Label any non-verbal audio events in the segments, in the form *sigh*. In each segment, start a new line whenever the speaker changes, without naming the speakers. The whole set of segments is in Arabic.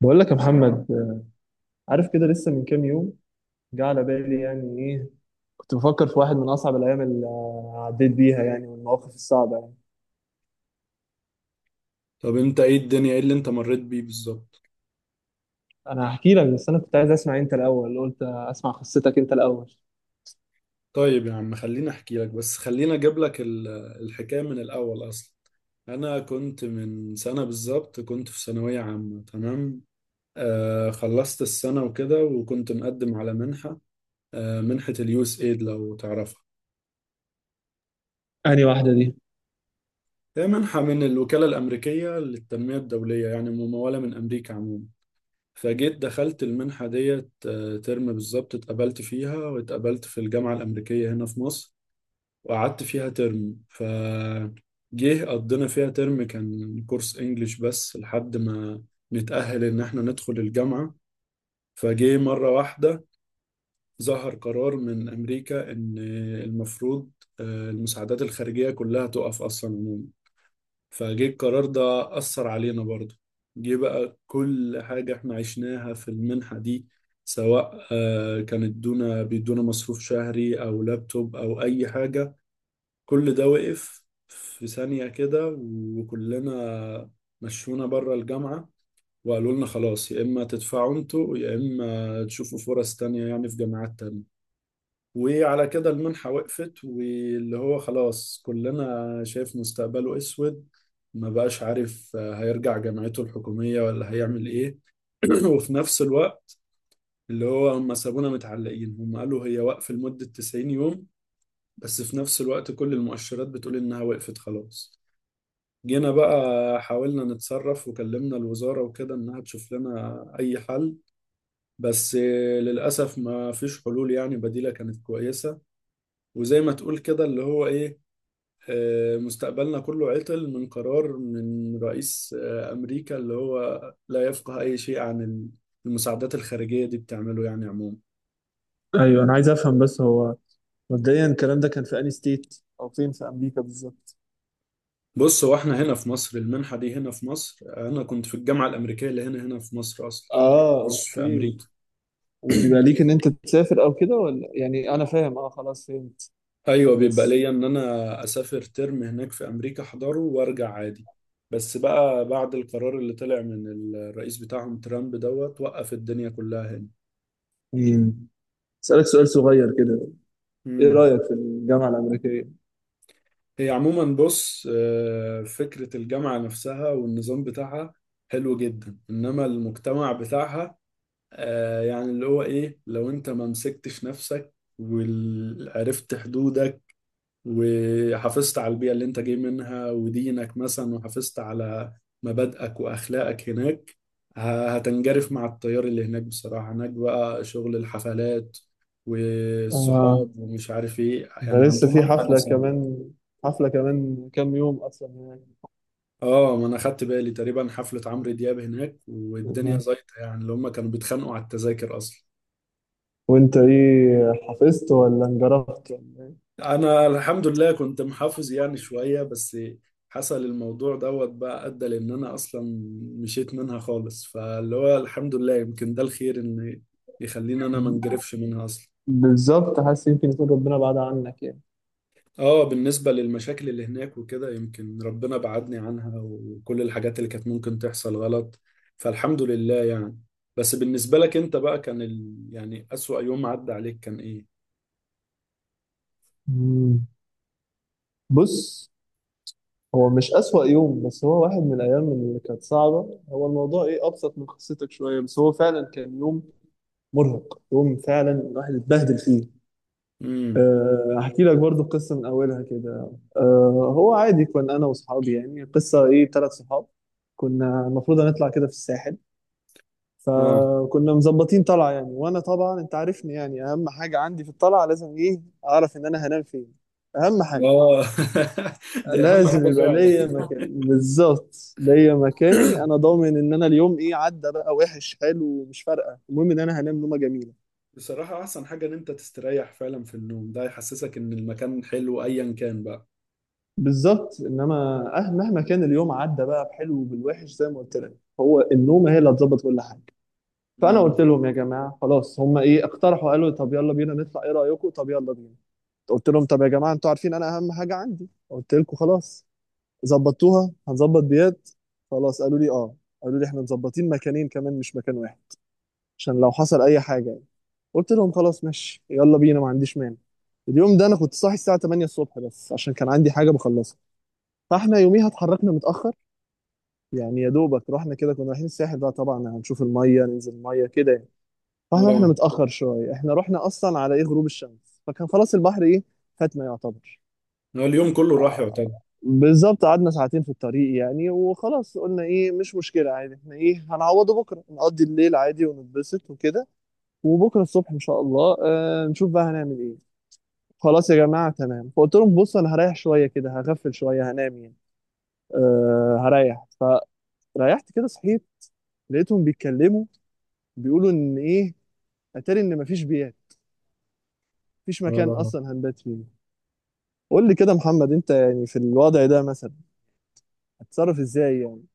بقول لك يا محمد، عارف كده لسه من كام يوم جه على بالي. يعني ايه؟ كنت بفكر في واحد من اصعب الايام اللي عديت بيها، يعني والمواقف الصعبه يعني.
طب انت، ايه الدنيا، ايه اللي انت مريت بيه بالظبط؟
انا هحكي لك، بس انا كنت عايز اسمع انت الاول، قلت اسمع قصتك انت الاول.
طيب يا عم، خليني احكي لك، بس خليني اجيب لك الحكايه من الاول اصلا. انا كنت من سنه بالظبط، كنت في ثانويه عامه، تمام. خلصت السنه وكده، وكنت مقدم على منحه. منحه اليوس ايد، لو تعرفها.
انهي واحده دي؟
هي منحه من الوكاله الامريكيه للتنميه الدوليه، يعني مموله من امريكا عموما. فجيت دخلت المنحه ديت ترم بالظبط اتقبلت فيها، واتقبلت في الجامعه الامريكيه هنا في مصر. وقعدت فيها ترم، جه قضينا فيها ترم، كان كورس انجليش بس لحد ما نتأهل ان احنا ندخل الجامعة. فجه مرة واحدة، ظهر قرار من امريكا ان المفروض المساعدات الخارجية كلها تقف اصلا عموما. فجه القرار ده أثر علينا برضه. جه بقى كل حاجة احنا عشناها في المنحة دي، سواء كانت دونا بيدونا مصروف شهري او لابتوب او اي حاجة، كل ده وقف في ثانية كده. وكلنا مشونا بره الجامعة، وقالوا لنا خلاص، يا إما تدفعوا انتوا يا إما تشوفوا فرص تانية يعني في جامعات تانية. وعلى كده المنحة وقفت، واللي هو خلاص كلنا شايف مستقبله أسود، ما بقاش عارف هيرجع جامعته الحكومية ولا هيعمل إيه. *clears throat* وفي نفس الوقت اللي هو هم سابونا متعلقين، هم قالوا هي وقف لمدة 90 يوم، بس في نفس الوقت كل المؤشرات بتقول إنها وقفت خلاص. جينا بقى حاولنا نتصرف وكلمنا الوزارة وكده إنها تشوف لنا أي حل، بس للأسف ما فيش حلول يعني بديلة كانت كويسة. وزي ما تقول كده اللي هو إيه، مستقبلنا كله عطل من قرار من رئيس أمريكا، اللي هو لا يفقه أي شيء عن المساعدات الخارجية دي بتعمله يعني عموما.
ايوه انا عايز افهم، بس هو مبدئيا الكلام ده كان في انهي ستيت او فين في امريكا بالظبط؟
بص، هو احنا هنا في مصر، المنحة دي هنا في مصر، أنا كنت في الجامعة الأمريكية اللي هنا في مصر أصلا،
اه،
مش في
اوكي.
أمريكا.
وبيبقى ليك ان انت تسافر او كده؟ ولا يعني انا فاهم، اه خلاص فهمت
ايوه، بيبقى
بس.
ليا ان انا اسافر ترم هناك في امريكا احضره وارجع عادي. بس بقى بعد القرار اللي طلع من الرئيس بتاعهم ترامب دوت، وقف الدنيا كلها هنا.
مم. اسالك سؤال صغير كده، ايه
امم.
رايك في الجامعه الامريكيه؟
هي عموما بص، فكرة الجامعة نفسها والنظام بتاعها حلو جدا، انما المجتمع بتاعها، يعني اللي هو ايه، لو انت ما مسكتش نفسك وعرفت حدودك، وحافظت على البيئة اللي انت جاي منها ودينك مثلا، وحافظت على مبادئك وأخلاقك هناك، هتنجرف مع التيار اللي هناك. بصراحة هناك بقى شغل الحفلات
آه،
والصحاب ومش عارف ايه،
ده
يعني
لسه
عندهم
في
حاجة
حفلة
صعبة.
كمان، حفلة كمان كام يوم أصلا.
اه، ما انا خدت بالي تقريبا حفلة عمرو دياب هناك والدنيا
يعني
زيطة، يعني اللي هم كانوا بيتخانقوا على التذاكر اصلا.
وأنت إيه، حفظت ولا انجرفت ولا إيه؟
انا الحمد لله كنت محافظ يعني شوية، بس حصل الموضوع دوت بقى ادى لان انا اصلا مشيت منها خالص، فاللي هو الحمد لله يمكن ده الخير ان يخليني انا ما انجرفش منها اصلا.
بالظبط، حاسس يمكن يكون ربنا بعد عنك يعني.
اه، بالنسبة للمشاكل اللي هناك وكده يمكن ربنا بعدني عنها وكل الحاجات اللي كانت ممكن تحصل غلط، فالحمد لله يعني. بس بالنسبة لك انت بقى، كان يعني اسوأ يوم عدى عليك كان ايه؟
مم. بص، هو مش أسوأ يوم، بس هو واحد من الأيام اللي كانت صعبة. هو الموضوع إيه، أبسط من قصتك شوية، بس هو فعلا كان يوم مرهق، يوم فعلا الواحد اتبهدل فيه.
امم.
هحكي لك برضو قصة من أولها كده. أه، هو عادي كنا أنا وصحابي، يعني قصة إيه، ثلاث صحاب. كنا المفروض هنطلع كده في الساحل،
اه.
فكنا مظبطين طلعة يعني. وأنا طبعا أنت عارفني، يعني أهم حاجة عندي في الطلعة لازم إيه، أعرف إن أنا هنام فين. أهم حاجة
اه. *laughs* دي اهم حاجة
لازم يبقى
فعلا.
ليا مكان، بالظبط ليا مكاني
*laughs*
أنا، ضامن إن أنا اليوم إيه، عدى بقى وحش حلو مش فارقة، المهم إن أنا هنام نومة جميلة.
بصراحة أحسن حاجة إن أنت تستريح، فعلا في النوم ده يحسسك إن المكان حلو أيا كان بقى.
بالظبط، انما مهما كان اليوم عدى بقى بحلو وبالوحش زي ما قلت لك، هو النوم هي اللي هتظبط كل حاجه. فانا
امم.
قلت لهم يا جماعه خلاص، هم ايه اقترحوا، قالوا طب يلا بينا نطلع، ايه رايكم؟ طب يلا بينا. قلت لهم طب يا جماعه انتوا عارفين انا اهم حاجه عندي، قلت لكم خلاص ظبطتوها هنظبط ديات. خلاص، قالوا لي اه، قالوا لي احنا مظبطين مكانين كمان مش مكان واحد عشان لو حصل اي حاجه يعني. قلت لهم خلاص ماشي يلا بينا، ما عنديش مانع. اليوم ده انا كنت صاحي الساعه 8 الصبح بس عشان كان عندي حاجه بخلصها، فاحنا يوميها اتحركنا متاخر. يعني يا دوبك رحنا كده، كنا رايحين الساحل بقى طبعا هنشوف الميه ننزل الميه كده يعني. فاحنا رحنا
اه.
متاخر شويه، احنا رحنا اصلا على ايه، غروب الشمس، فكان خلاص البحر ايه، فاتنا يعتبر.
هو اليوم كله راح
آه،
يعتبر.
بالظبط، قعدنا ساعتين في الطريق يعني. وخلاص قلنا ايه، مش مشكله عادي، احنا ايه هنعوضه بكره، نقضي الليل عادي ونتبسط وكده، وبكره الصبح ان شاء الله آه نشوف بقى هنعمل ايه. خلاص يا جماعه تمام. فقلت لهم بص انا هريح شويه كده، هغفل شويه هنام يعني، آه هريح. فريحت كده صحيت، لقيتهم بيتكلموا، بيقولوا ان ايه، اتاري ان مفيش بيات، مفيش مكان
اه،
اصلا هنبات فيه. قول لي كده يا محمد انت يعني في الوضع ده مثلا هتتصرف ازاي يعني؟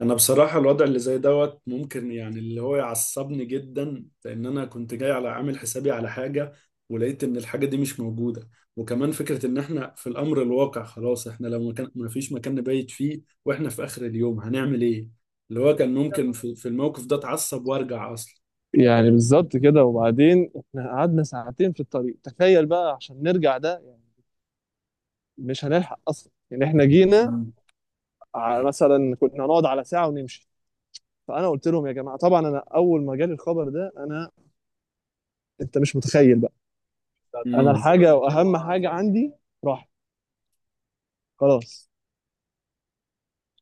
أنا بصراحة الوضع اللي زي دوت ممكن يعني اللي هو يعصبني جدا، لأن أنا كنت جاي على عامل حسابي على حاجة، ولقيت إن الحاجة دي مش موجودة. وكمان فكرة إن إحنا في الأمر الواقع خلاص، إحنا لو مكان ما فيش مكان نبيت فيه وإحنا في آخر اليوم هنعمل إيه؟ اللي هو كان ممكن في الموقف ده أتعصب وأرجع أصلا.
يعني بالظبط كده. وبعدين احنا قعدنا ساعتين في الطريق تخيل بقى عشان نرجع ده يعني. مش هنلحق اصلا، يعني احنا جينا
امم.
مثلا كنا هنقعد على ساعة ونمشي. فانا قلت لهم يا جماعة، طبعا انا اول ما جالي الخبر ده انا، انت مش متخيل بقى، انا
امم.
الحاجة واهم حاجة عندي راحت خلاص،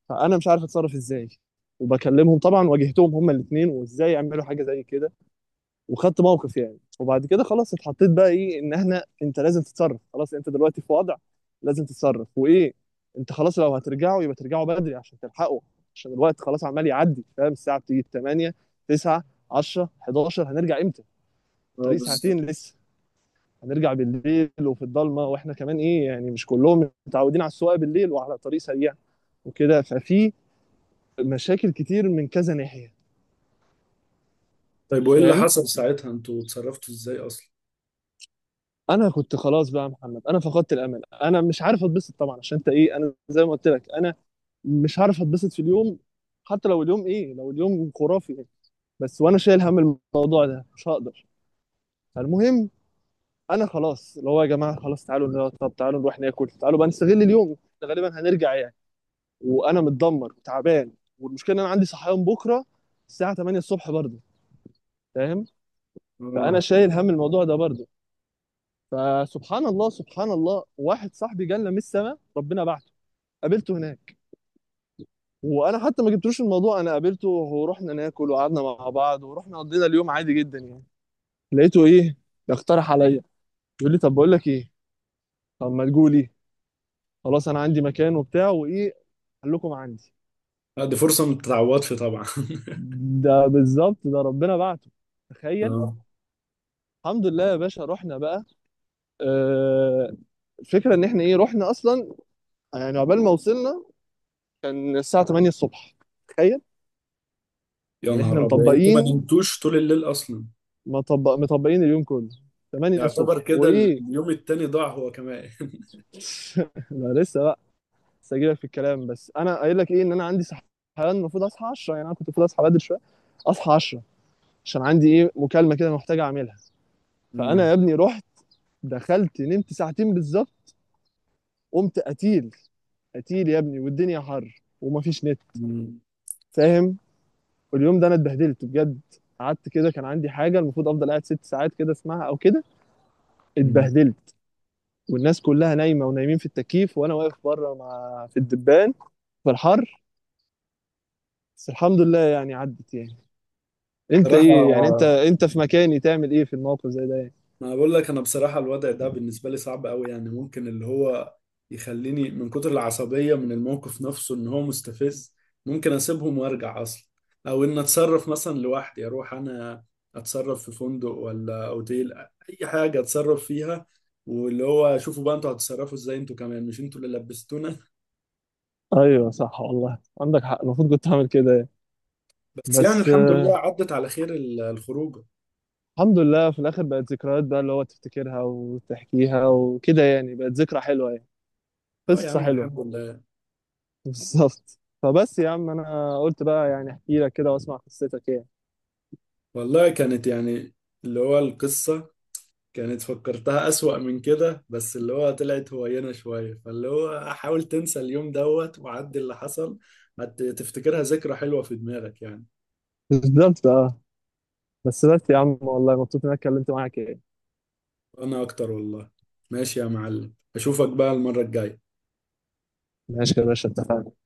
فانا مش عارف اتصرف ازاي. وبكلمهم طبعا، واجهتهم هما الاثنين، وازاي يعملوا حاجه زي كده، وخدت موقف يعني. وبعد كده خلاص اتحطيت بقى ايه، ان احنا انت لازم تتصرف، خلاص انت دلوقتي في وضع لازم تتصرف وايه. انت خلاص لو هترجعوا يبقى ترجعوا بدري عشان تلحقوا، عشان الوقت خلاص عمال يعدي فاهم، الساعه بتيجي 8، 9، 10، 11، هنرجع امتى؟
اه،
الطريق
بالظبط.
ساعتين لسه. هنرجع بالليل وفي الضلمه، واحنا كمان ايه يعني مش كلهم متعودين على السواقه بالليل وعلى طريق سريع وكده. ففي مشاكل كتير من كذا ناحيه،
طيب وايه اللي
فاهم؟
حصل ساعتها، انتوا اتصرفتوا ازاي اصلا؟
انا كنت خلاص بقى يا محمد، انا فقدت الامل، انا مش عارف اتبسط طبعا، عشان انت ايه، انا زي ما قلت لك، انا مش عارف اتبسط في اليوم حتى لو اليوم ايه، لو اليوم خرافي يعني. بس وانا شايل هم الموضوع ده مش هقدر. فالمهم انا خلاص اللي هو يا جماعه خلاص تعالوا نقعد، طب تعالوا نروح ناكل، تعالوا بقى نستغل اليوم، غالبا هنرجع يعني. وانا متدمر وتعبان، والمشكله ان انا عندي صحيان بكره الساعه 8 الصبح برضه، فاهم؟ فانا
اه.
شايل هم الموضوع ده برضه. فسبحان الله، سبحان الله، واحد صاحبي جالنا من السماء، ربنا بعته. قابلته هناك وانا حتى ما جبتلوش الموضوع، انا قابلته ورحنا ناكل وقعدنا مع بعض ورحنا قضينا اليوم عادي جدا يعني. لقيته ايه، يقترح عليا، يقول لي طب بقول لك ايه، طب ما تجولي، خلاص انا عندي مكان وبتاع وايه، خليكم عندي.
دي فرصه ما تتعوضش طبعا. *laughs*
ده بالظبط، ده ربنا بعته، تخيل.
اه،
الحمد لله يا باشا، رحنا بقى. آه، الفكره ان احنا ايه، رحنا اصلا، يعني عقبال ما وصلنا كان الساعه 8 الصبح، تخيل.
يا
يعني احنا
نهار ابيض، يعني انتوا ما
مطبقين،
نمتوش طول الليل اصلا؟
مطبقين اليوم كله،
ده
8
يعتبر
الصبح
كده
وايه.
اليوم التاني ضاع هو كمان. *laughs*
*laughs* لا لسه بقى، لسه هجيلك في الكلام. بس انا قايل لك ايه، ان انا عندي صحيان، المفروض اصحى 10 يعني، انا كنت المفروض اصحى بدري شويه، اصحى 10 عشان عندي ايه مكالمه كده محتاج اعملها. فانا
امم.
يا ابني رحت دخلت نمت ساعتين بالظبط، قمت قتيل، قتيل يا ابني، والدنيا حر ومفيش نت،
امم.
فاهم؟ واليوم ده انا اتبهدلت بجد، قعدت كده كان عندي حاجه المفروض افضل قاعد ست ساعات كده اسمعها او كده،
أمم.
اتبهدلت. والناس كلها نايمه ونايمين في التكييف، وانا واقف بره مع في الدبان في الحر. بس الحمد لله يعني عدت يعني. انت
صراحه،
ايه يعني، انت انت في مكاني تعمل ايه في الموقف زي ده يعني؟
ما بقول لك انا بصراحه الوضع ده بالنسبه لي صعب قوي، يعني ممكن اللي هو يخليني من كتر العصبيه من الموقف نفسه ان هو مستفز، ممكن اسيبهم وارجع اصلا، او ان اتصرف مثلا لوحدي، اروح انا اتصرف في فندق ولا اوتيل، اي حاجه اتصرف فيها. واللي هو شوفوا بقى انتوا هتتصرفوا ازاي، انتوا كمان مش انتوا اللي لبستونا.
ايوه صح، والله عندك حق، المفروض كنت اعمل كده يعني.
بس يعني
بس
الحمد
آه،
لله عدت على خير الخروجه.
الحمد لله في الاخر بقت ذكريات بقى، اللي هو تفتكرها وتحكيها وكده يعني، بقت ذكرى حلوه يعني.
اه يا
قصه
عم،
حلوه.
الحمد لله.
*laughs* بالظبط. فبس يا عم انا قلت بقى يعني احكي لك كده واسمع قصتك يعني.
والله كانت يعني اللي هو، القصه كانت فكرتها أسوأ من كده، بس اللي هو طلعت هوينة شوية، فاللي هو حاول تنسى اليوم دوت وعدي اللي حصل، هتفتكرها ذكرى حلوة في دماغك يعني.
بالظبط، اه. بس بس يا عم، والله مبسوط اني اتكلمت معاك يعني.
أنا أكتر والله. ماشي يا معلم، أشوفك بقى المرة الجاية.
ماشي يا باشا، اتفقنا.